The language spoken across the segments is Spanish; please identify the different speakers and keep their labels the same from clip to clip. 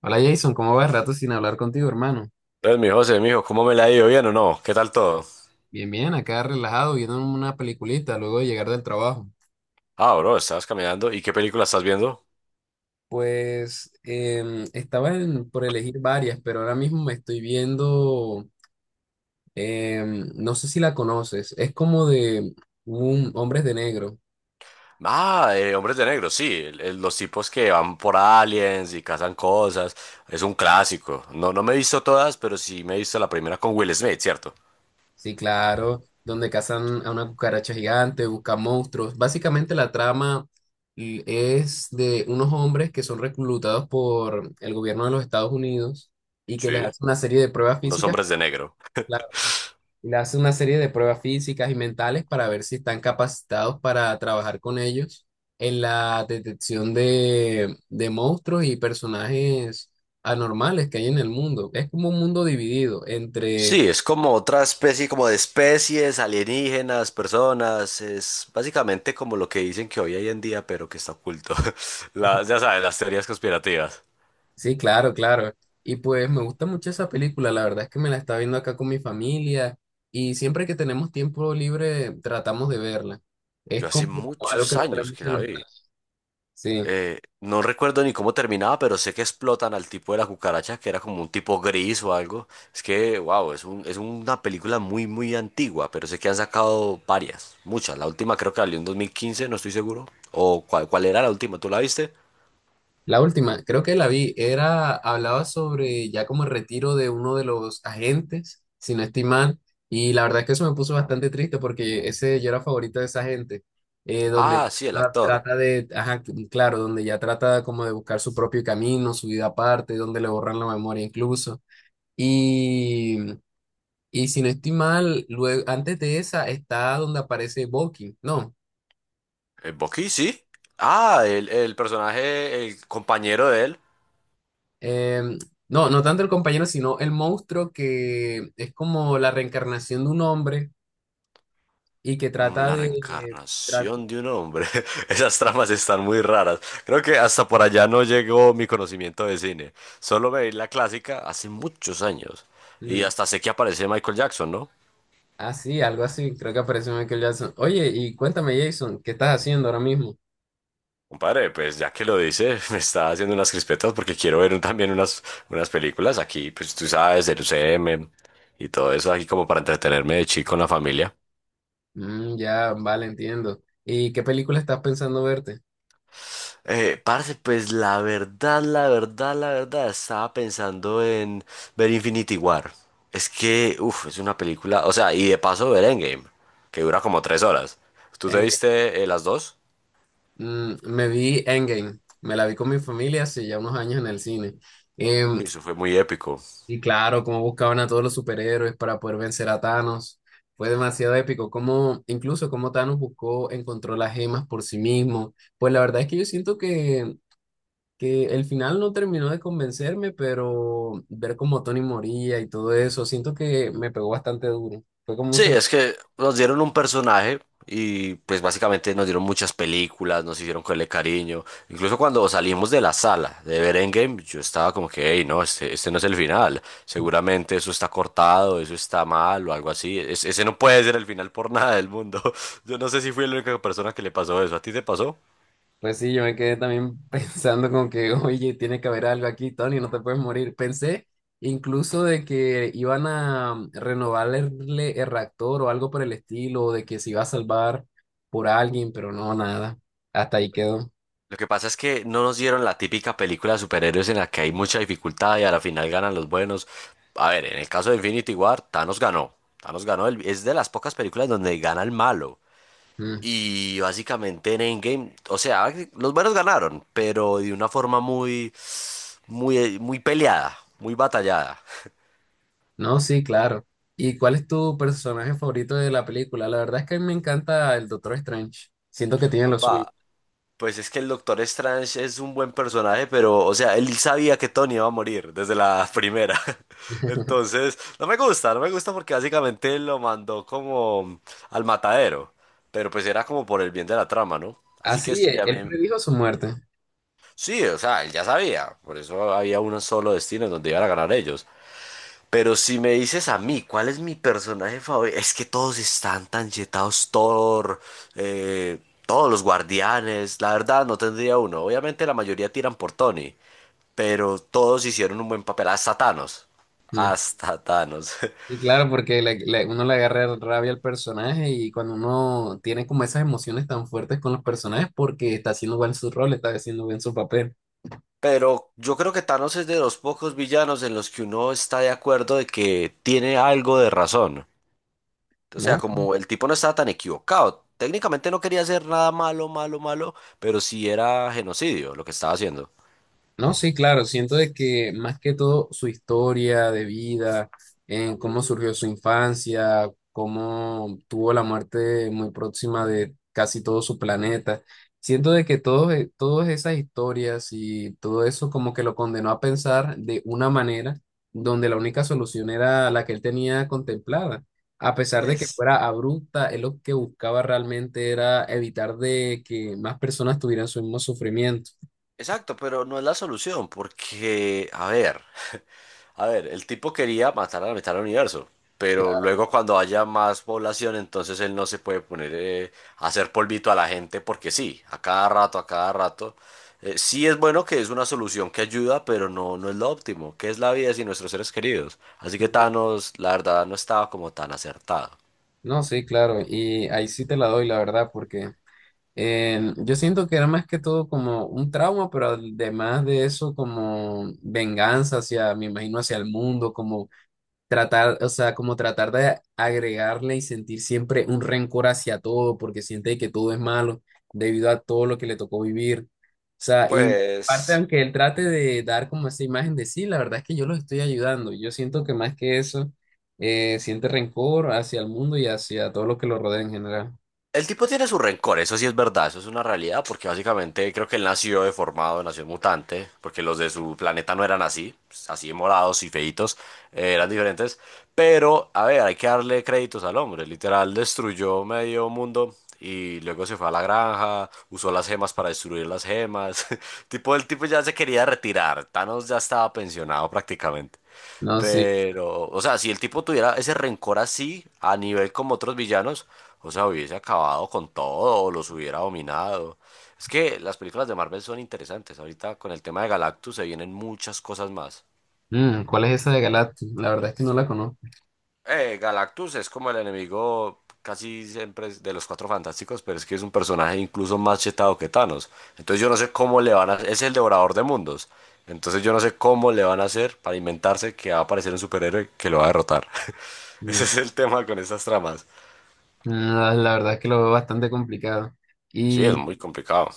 Speaker 1: Hola Jason, ¿cómo vas? Rato sin hablar contigo, hermano.
Speaker 2: Entonces, mi José, mijo, ¿cómo me la ha ido? ¿Bien o no? ¿Qué tal todo?
Speaker 1: Bien, bien, acá relajado, viendo una peliculita luego de llegar del trabajo.
Speaker 2: Ah, bro, estabas caminando. ¿Y qué película estás viendo?
Speaker 1: Pues estaba por elegir varias, pero ahora mismo me estoy viendo, no sé si la conoces, es como de un Hombres de Negro,
Speaker 2: Ah, Hombres de Negro, sí. Los tipos que van por aliens y cazan cosas. Es un clásico. No me he visto todas, pero sí me he visto la primera con Will Smith, ¿cierto?
Speaker 1: sí, claro, donde cazan a una cucaracha gigante, buscan monstruos. Básicamente la trama es de unos hombres que son reclutados por el gobierno de los Estados Unidos y que les
Speaker 2: Sí.
Speaker 1: hace una serie de pruebas
Speaker 2: Unos
Speaker 1: físicas.
Speaker 2: hombres de negro.
Speaker 1: Claro. Y le hace una serie de pruebas físicas y mentales para ver si están capacitados para trabajar con ellos en la detección de monstruos y personajes anormales que hay en el mundo. Es como un mundo dividido entre…
Speaker 2: Sí, es como otra especie, como de especies, alienígenas, personas. Es básicamente como lo que dicen que hoy hay en día, pero que está oculto. Ya sabes, las teorías conspirativas.
Speaker 1: Sí, claro, claro. Y pues me gusta mucho esa película, la verdad es que me la está viendo acá con mi familia y siempre que tenemos tiempo libre tratamos de verla.
Speaker 2: Yo
Speaker 1: Es
Speaker 2: hace
Speaker 1: como algo que
Speaker 2: muchos
Speaker 1: nos trae
Speaker 2: años que
Speaker 1: mucha
Speaker 2: la vi.
Speaker 1: nostalgia. Sí.
Speaker 2: No recuerdo ni cómo terminaba, pero sé que explotan al tipo de la cucaracha, que era como un tipo gris o algo. Es que, wow, es una película muy, muy antigua, pero sé que han sacado varias, muchas. La última creo que salió en 2015, no estoy seguro. ¿O cuál era la última? ¿Tú la viste?
Speaker 1: La última, creo que la vi, era, hablaba sobre ya como el retiro de uno de los agentes, si no estoy mal, y la verdad es que eso me puso bastante triste porque ese yo era favorito de esa gente, donde
Speaker 2: Ah, sí, el
Speaker 1: ya
Speaker 2: actor.
Speaker 1: trata de, ajá, claro, donde ya trata como de buscar su propio camino, su vida aparte, donde le borran la memoria incluso. Y, y si no estoy mal, luego, antes de esa está donde aparece Bucky, ¿no?
Speaker 2: ¿El Bucky, sí? Ah, el personaje, el compañero de él.
Speaker 1: Em, no, no tanto el compañero, sino el monstruo que es como la reencarnación de un hombre y que
Speaker 2: Mm,
Speaker 1: trata… Ah,
Speaker 2: la
Speaker 1: de… Trata,
Speaker 2: reencarnación de un hombre. Esas tramas están muy raras. Creo que hasta por allá no llegó mi conocimiento de cine. Solo veí la clásica hace muchos años. Y
Speaker 1: mm,
Speaker 2: hasta sé que aparece Michael Jackson, ¿no?
Speaker 1: ah, sí, algo así, creo que apareció Michael Jackson. Oye, y cuéntame, Jason, ¿qué estás haciendo ahora mismo?
Speaker 2: Compadre, pues ya que lo dice, me está haciendo unas crispetas porque quiero ver también unas películas aquí, pues tú sabes, el UCM y todo eso aquí como para entretenerme de chico en la familia.
Speaker 1: Mm, ya, vale, entiendo. ¿Y qué película estás pensando verte?
Speaker 2: Parce, pues la verdad, estaba pensando en ver Infinity War. Es que, uff, es una película, o sea, y de paso ver Endgame, que dura como 3 horas. ¿Tú te
Speaker 1: Endgame.
Speaker 2: viste las dos?
Speaker 1: Mm, me vi Endgame, me la vi con mi familia hace ya unos años en el cine. Em,
Speaker 2: Uy, eso fue muy épico.
Speaker 1: Y claro, cómo buscaban a todos los superhéroes para poder vencer a Thanos. Fue demasiado épico. Como, incluso cómo Thanos buscó, encontró las gemas por sí mismo. Pues la verdad es que yo siento que el final no terminó de convencerme, pero ver cómo Tony moría y todo eso, siento que me pegó bastante duro. Fue como un
Speaker 2: Sí,
Speaker 1: sentido.
Speaker 2: es que nos dieron un personaje y pues básicamente nos dieron muchas películas, nos hicieron cogerle cariño. Incluso cuando salimos de la sala de ver Endgame, yo estaba como que, hey, no, este no es el final. Seguramente eso está cortado, eso está mal o algo así. Ese no puede ser el final por nada del mundo. Yo no sé si fui la única persona que le pasó eso. ¿A ti te pasó?
Speaker 1: Pues sí, yo me quedé también pensando como que, oye, tiene que haber algo aquí, Tony, no te puedes morir. Pensé incluso de que iban a renovarle el reactor o algo por el estilo, o de que se iba a salvar por alguien, pero no, nada. Hasta ahí quedó.
Speaker 2: Lo que pasa es que no nos dieron la típica película de superhéroes en la que hay mucha dificultad y a la final ganan los buenos. A ver, en el caso de Infinity War, Thanos ganó. Thanos ganó, es de las pocas películas donde gana el malo.
Speaker 1: Mm.
Speaker 2: Y básicamente en Endgame, o sea, los buenos ganaron, pero de una forma muy peleada, muy batallada.
Speaker 1: No, sí, claro. ¿Y cuál es tu personaje favorito de la película? La verdad es que a mí me encanta el Doctor Strange. Siento que tiene lo suyo.
Speaker 2: Compa, pues es que el Doctor Strange es un buen personaje, pero, o sea, él sabía que Tony iba a morir desde la primera. Entonces, no me gusta porque básicamente lo mandó como al matadero. Pero pues era como por el bien de la trama, ¿no? Así que
Speaker 1: Así,
Speaker 2: sí, a mí,
Speaker 1: él predijo su muerte.
Speaker 2: sí, o sea, él ya sabía. Por eso había un solo destino en donde iban a ganar ellos. Pero si me dices a mí, ¿cuál es mi personaje favorito? Es que todos están tan yetados, Thor, eh, todos los guardianes. La verdad, no tendría uno. Obviamente la mayoría tiran por Tony, pero todos hicieron un buen papel. Hasta Thanos.
Speaker 1: Mm.
Speaker 2: Hasta Thanos.
Speaker 1: Y claro, porque uno le agarra rabia al personaje y cuando uno tiene como esas emociones tan fuertes con los personajes porque está haciendo bien su rol, está haciendo bien su papel,
Speaker 2: Pero yo creo que Thanos es de los pocos villanos en los que uno está de acuerdo de que tiene algo de razón. O sea,
Speaker 1: ¿no?
Speaker 2: como el tipo no estaba tan equivocado. Técnicamente no quería hacer nada malo, malo, malo, pero sí era genocidio lo que estaba haciendo.
Speaker 1: No, sí, claro, siento de que más que todo su historia de vida, en cómo surgió su infancia, cómo tuvo la muerte muy próxima de casi todo su planeta, siento de que todas esas historias y todo eso como que lo condenó a pensar de una manera donde la única solución era la que él tenía contemplada. A pesar de que
Speaker 2: Pues,
Speaker 1: fuera abrupta, él lo que buscaba realmente era evitar de que más personas tuvieran su mismo sufrimiento.
Speaker 2: exacto, pero no es la solución, porque, el tipo quería matar a la mitad del universo, pero luego cuando haya más población, entonces él no se puede poner a hacer polvito a la gente, porque sí, a cada rato. Sí es bueno que es una solución que ayuda, pero no es lo óptimo, que es la vida sin nuestros seres queridos. Así que Thanos, la verdad, no estaba como tan acertado.
Speaker 1: No, sí, claro, y ahí sí te la doy, la verdad, porque yo siento que era más que todo como un trauma, pero además de eso, como venganza hacia, me imagino, hacia el mundo, como tratar, o sea, como tratar de agregarle y sentir siempre un rencor hacia todo, porque siente que todo es malo debido a todo lo que le tocó vivir. O sea, y parte,
Speaker 2: Pues...
Speaker 1: aunque él trate de dar como esa imagen de sí, la verdad es que yo los estoy ayudando. Yo siento que más que eso, siente rencor hacia el mundo y hacia todo lo que lo rodea en general.
Speaker 2: El tipo tiene su rencor, eso sí es verdad, eso es una realidad, porque básicamente creo que él nació deformado, nació mutante, porque los de su planeta no eran así, pues, así de morados y feitos, eran diferentes. Pero, a ver, hay que darle créditos al hombre, literal destruyó medio mundo y luego se fue a la granja, usó las gemas para destruir las gemas. Tipo, el tipo ya se quería retirar, Thanos ya estaba pensionado prácticamente.
Speaker 1: No, sí.
Speaker 2: Pero, o sea, si el tipo tuviera ese rencor así, a nivel como otros villanos, o sea, hubiese acabado con todo, o los hubiera dominado. Es que las películas de Marvel son interesantes. Ahorita con el tema de Galactus se vienen muchas cosas más.
Speaker 1: Mm, ¿cuál es esa de Galactus? La verdad es que no la conozco.
Speaker 2: Galactus es como el enemigo, casi siempre es de los Cuatro Fantásticos, pero es que es un personaje incluso más chetado que Thanos. Entonces yo no sé cómo le van a... Es el devorador de mundos. Entonces yo no sé cómo le van a hacer para inventarse que va a aparecer un superhéroe que lo va a derrotar. Ese
Speaker 1: Mm,
Speaker 2: es el tema con estas tramas.
Speaker 1: mm, la verdad es que lo veo bastante complicado.
Speaker 2: Sí, es
Speaker 1: Y
Speaker 2: muy complicado.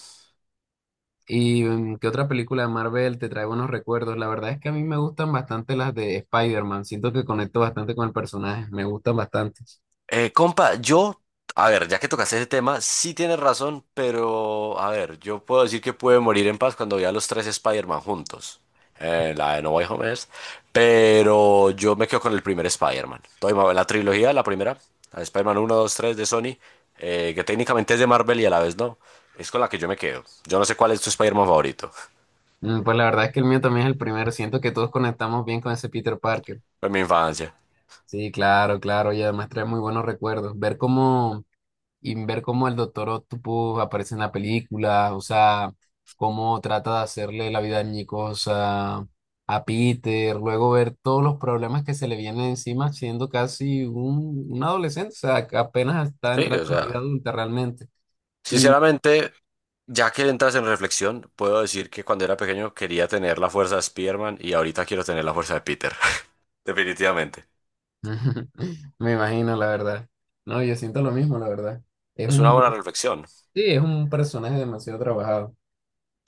Speaker 1: ¿Y qué otra película de Marvel te trae buenos recuerdos? La verdad es que a mí me gustan bastante las de Spider-Man. Siento que conecto bastante con el personaje. Me gustan bastante.
Speaker 2: Compa, yo, a ver, ya que tocaste ese tema, sí tienes razón, pero a ver, yo puedo decir que pude morir en paz cuando vi a los tres Spider-Man juntos. La de No Way Home es, pero yo me quedo con el primer Spider-Man. La trilogía, la primera, la de Spider-Man 1, 2, 3 de Sony, que técnicamente es de Marvel y a la vez no. Es con la que yo me quedo. Yo no sé cuál es tu Spider-Man favorito.
Speaker 1: Mm, pues la verdad es que el mío también es el primero. Siento que todos conectamos bien con ese Peter Parker.
Speaker 2: Fue mi infancia.
Speaker 1: Sí, claro, claro. Y además trae muy buenos recuerdos. Ver cómo y ver cómo el Doctor Octopus aparece en la película, o sea, cómo trata de hacerle la vida añicosa a Peter, luego ver todos los problemas que se le vienen encima siendo casi un adolescente, o sea, que apenas está
Speaker 2: Sí,
Speaker 1: entrando
Speaker 2: o
Speaker 1: en la
Speaker 2: sea,
Speaker 1: vida adulta realmente. Y
Speaker 2: sinceramente, ya que entras en reflexión, puedo decir que cuando era pequeño quería tener la fuerza de Spider-Man y ahorita quiero tener la fuerza de Peter. Definitivamente.
Speaker 1: me imagino, la verdad. No, yo siento lo mismo, la verdad. Es
Speaker 2: Es una
Speaker 1: un,
Speaker 2: buena reflexión.
Speaker 1: sí, es un personaje demasiado trabajado.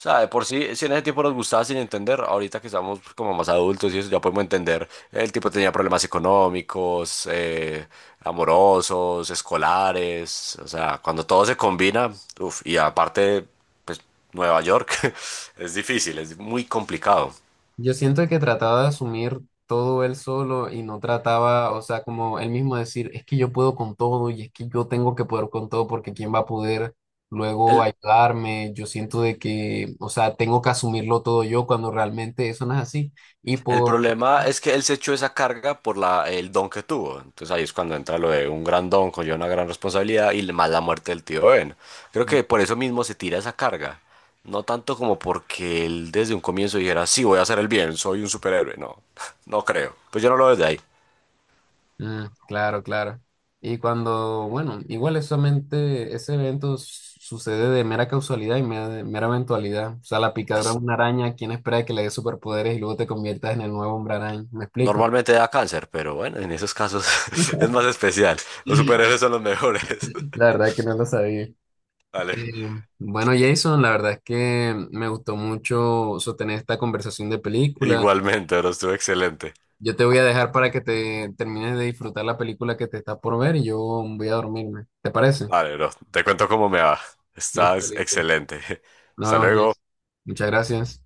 Speaker 2: O sea, de por sí, si en ese tiempo nos gustaba sin entender, ahorita que estamos como más adultos y eso, ya podemos entender. El tipo tenía problemas económicos, amorosos, escolares. O sea, cuando todo se combina, uf, y aparte, pues Nueva York, es difícil, es muy complicado.
Speaker 1: Yo siento que trataba de asumir todo él solo y no trataba, o sea, como él mismo decir, es que yo puedo con todo y es que yo tengo que poder con todo porque ¿quién va a poder luego
Speaker 2: El-
Speaker 1: ayudarme? Yo siento de que, o sea, tengo que asumirlo todo yo cuando realmente eso no es así. Y
Speaker 2: El
Speaker 1: por…
Speaker 2: problema es que él se echó esa carga por el don que tuvo. Entonces ahí es cuando entra lo de un gran don, conlleva una gran responsabilidad y más la muerte del tío Ben. Creo que por eso mismo se tira esa carga. No tanto como porque él desde un comienzo dijera, sí, voy a hacer el bien, soy un superhéroe. No, no creo. Pues yo no lo veo desde ahí.
Speaker 1: Mm, claro, claro. Y cuando, bueno, igual es solamente ese evento sucede de mera causalidad y mera eventualidad. O sea, la picadura de
Speaker 2: As-
Speaker 1: una araña, ¿quién espera que le dé superpoderes y luego te conviertas en el nuevo hombre araña? ¿Me explico?
Speaker 2: Normalmente da cáncer, pero bueno, en esos casos es más especial. Los
Speaker 1: La
Speaker 2: superhéroes son los mejores.
Speaker 1: verdad que no lo sabía.
Speaker 2: Vale.
Speaker 1: Eh, bueno, Jason, la verdad es que me gustó mucho sostener esta conversación de película.
Speaker 2: Igualmente, pero estuvo excelente.
Speaker 1: Yo te voy a dejar para que te termines de disfrutar la película que te está por ver y yo voy a dormirme. ¿Te parece?
Speaker 2: Vale, bro. Te cuento cómo me va.
Speaker 1: Listo,
Speaker 2: Estás
Speaker 1: listo.
Speaker 2: excelente. Hasta
Speaker 1: Nos vemos, Jason.
Speaker 2: luego.
Speaker 1: Muchas gracias.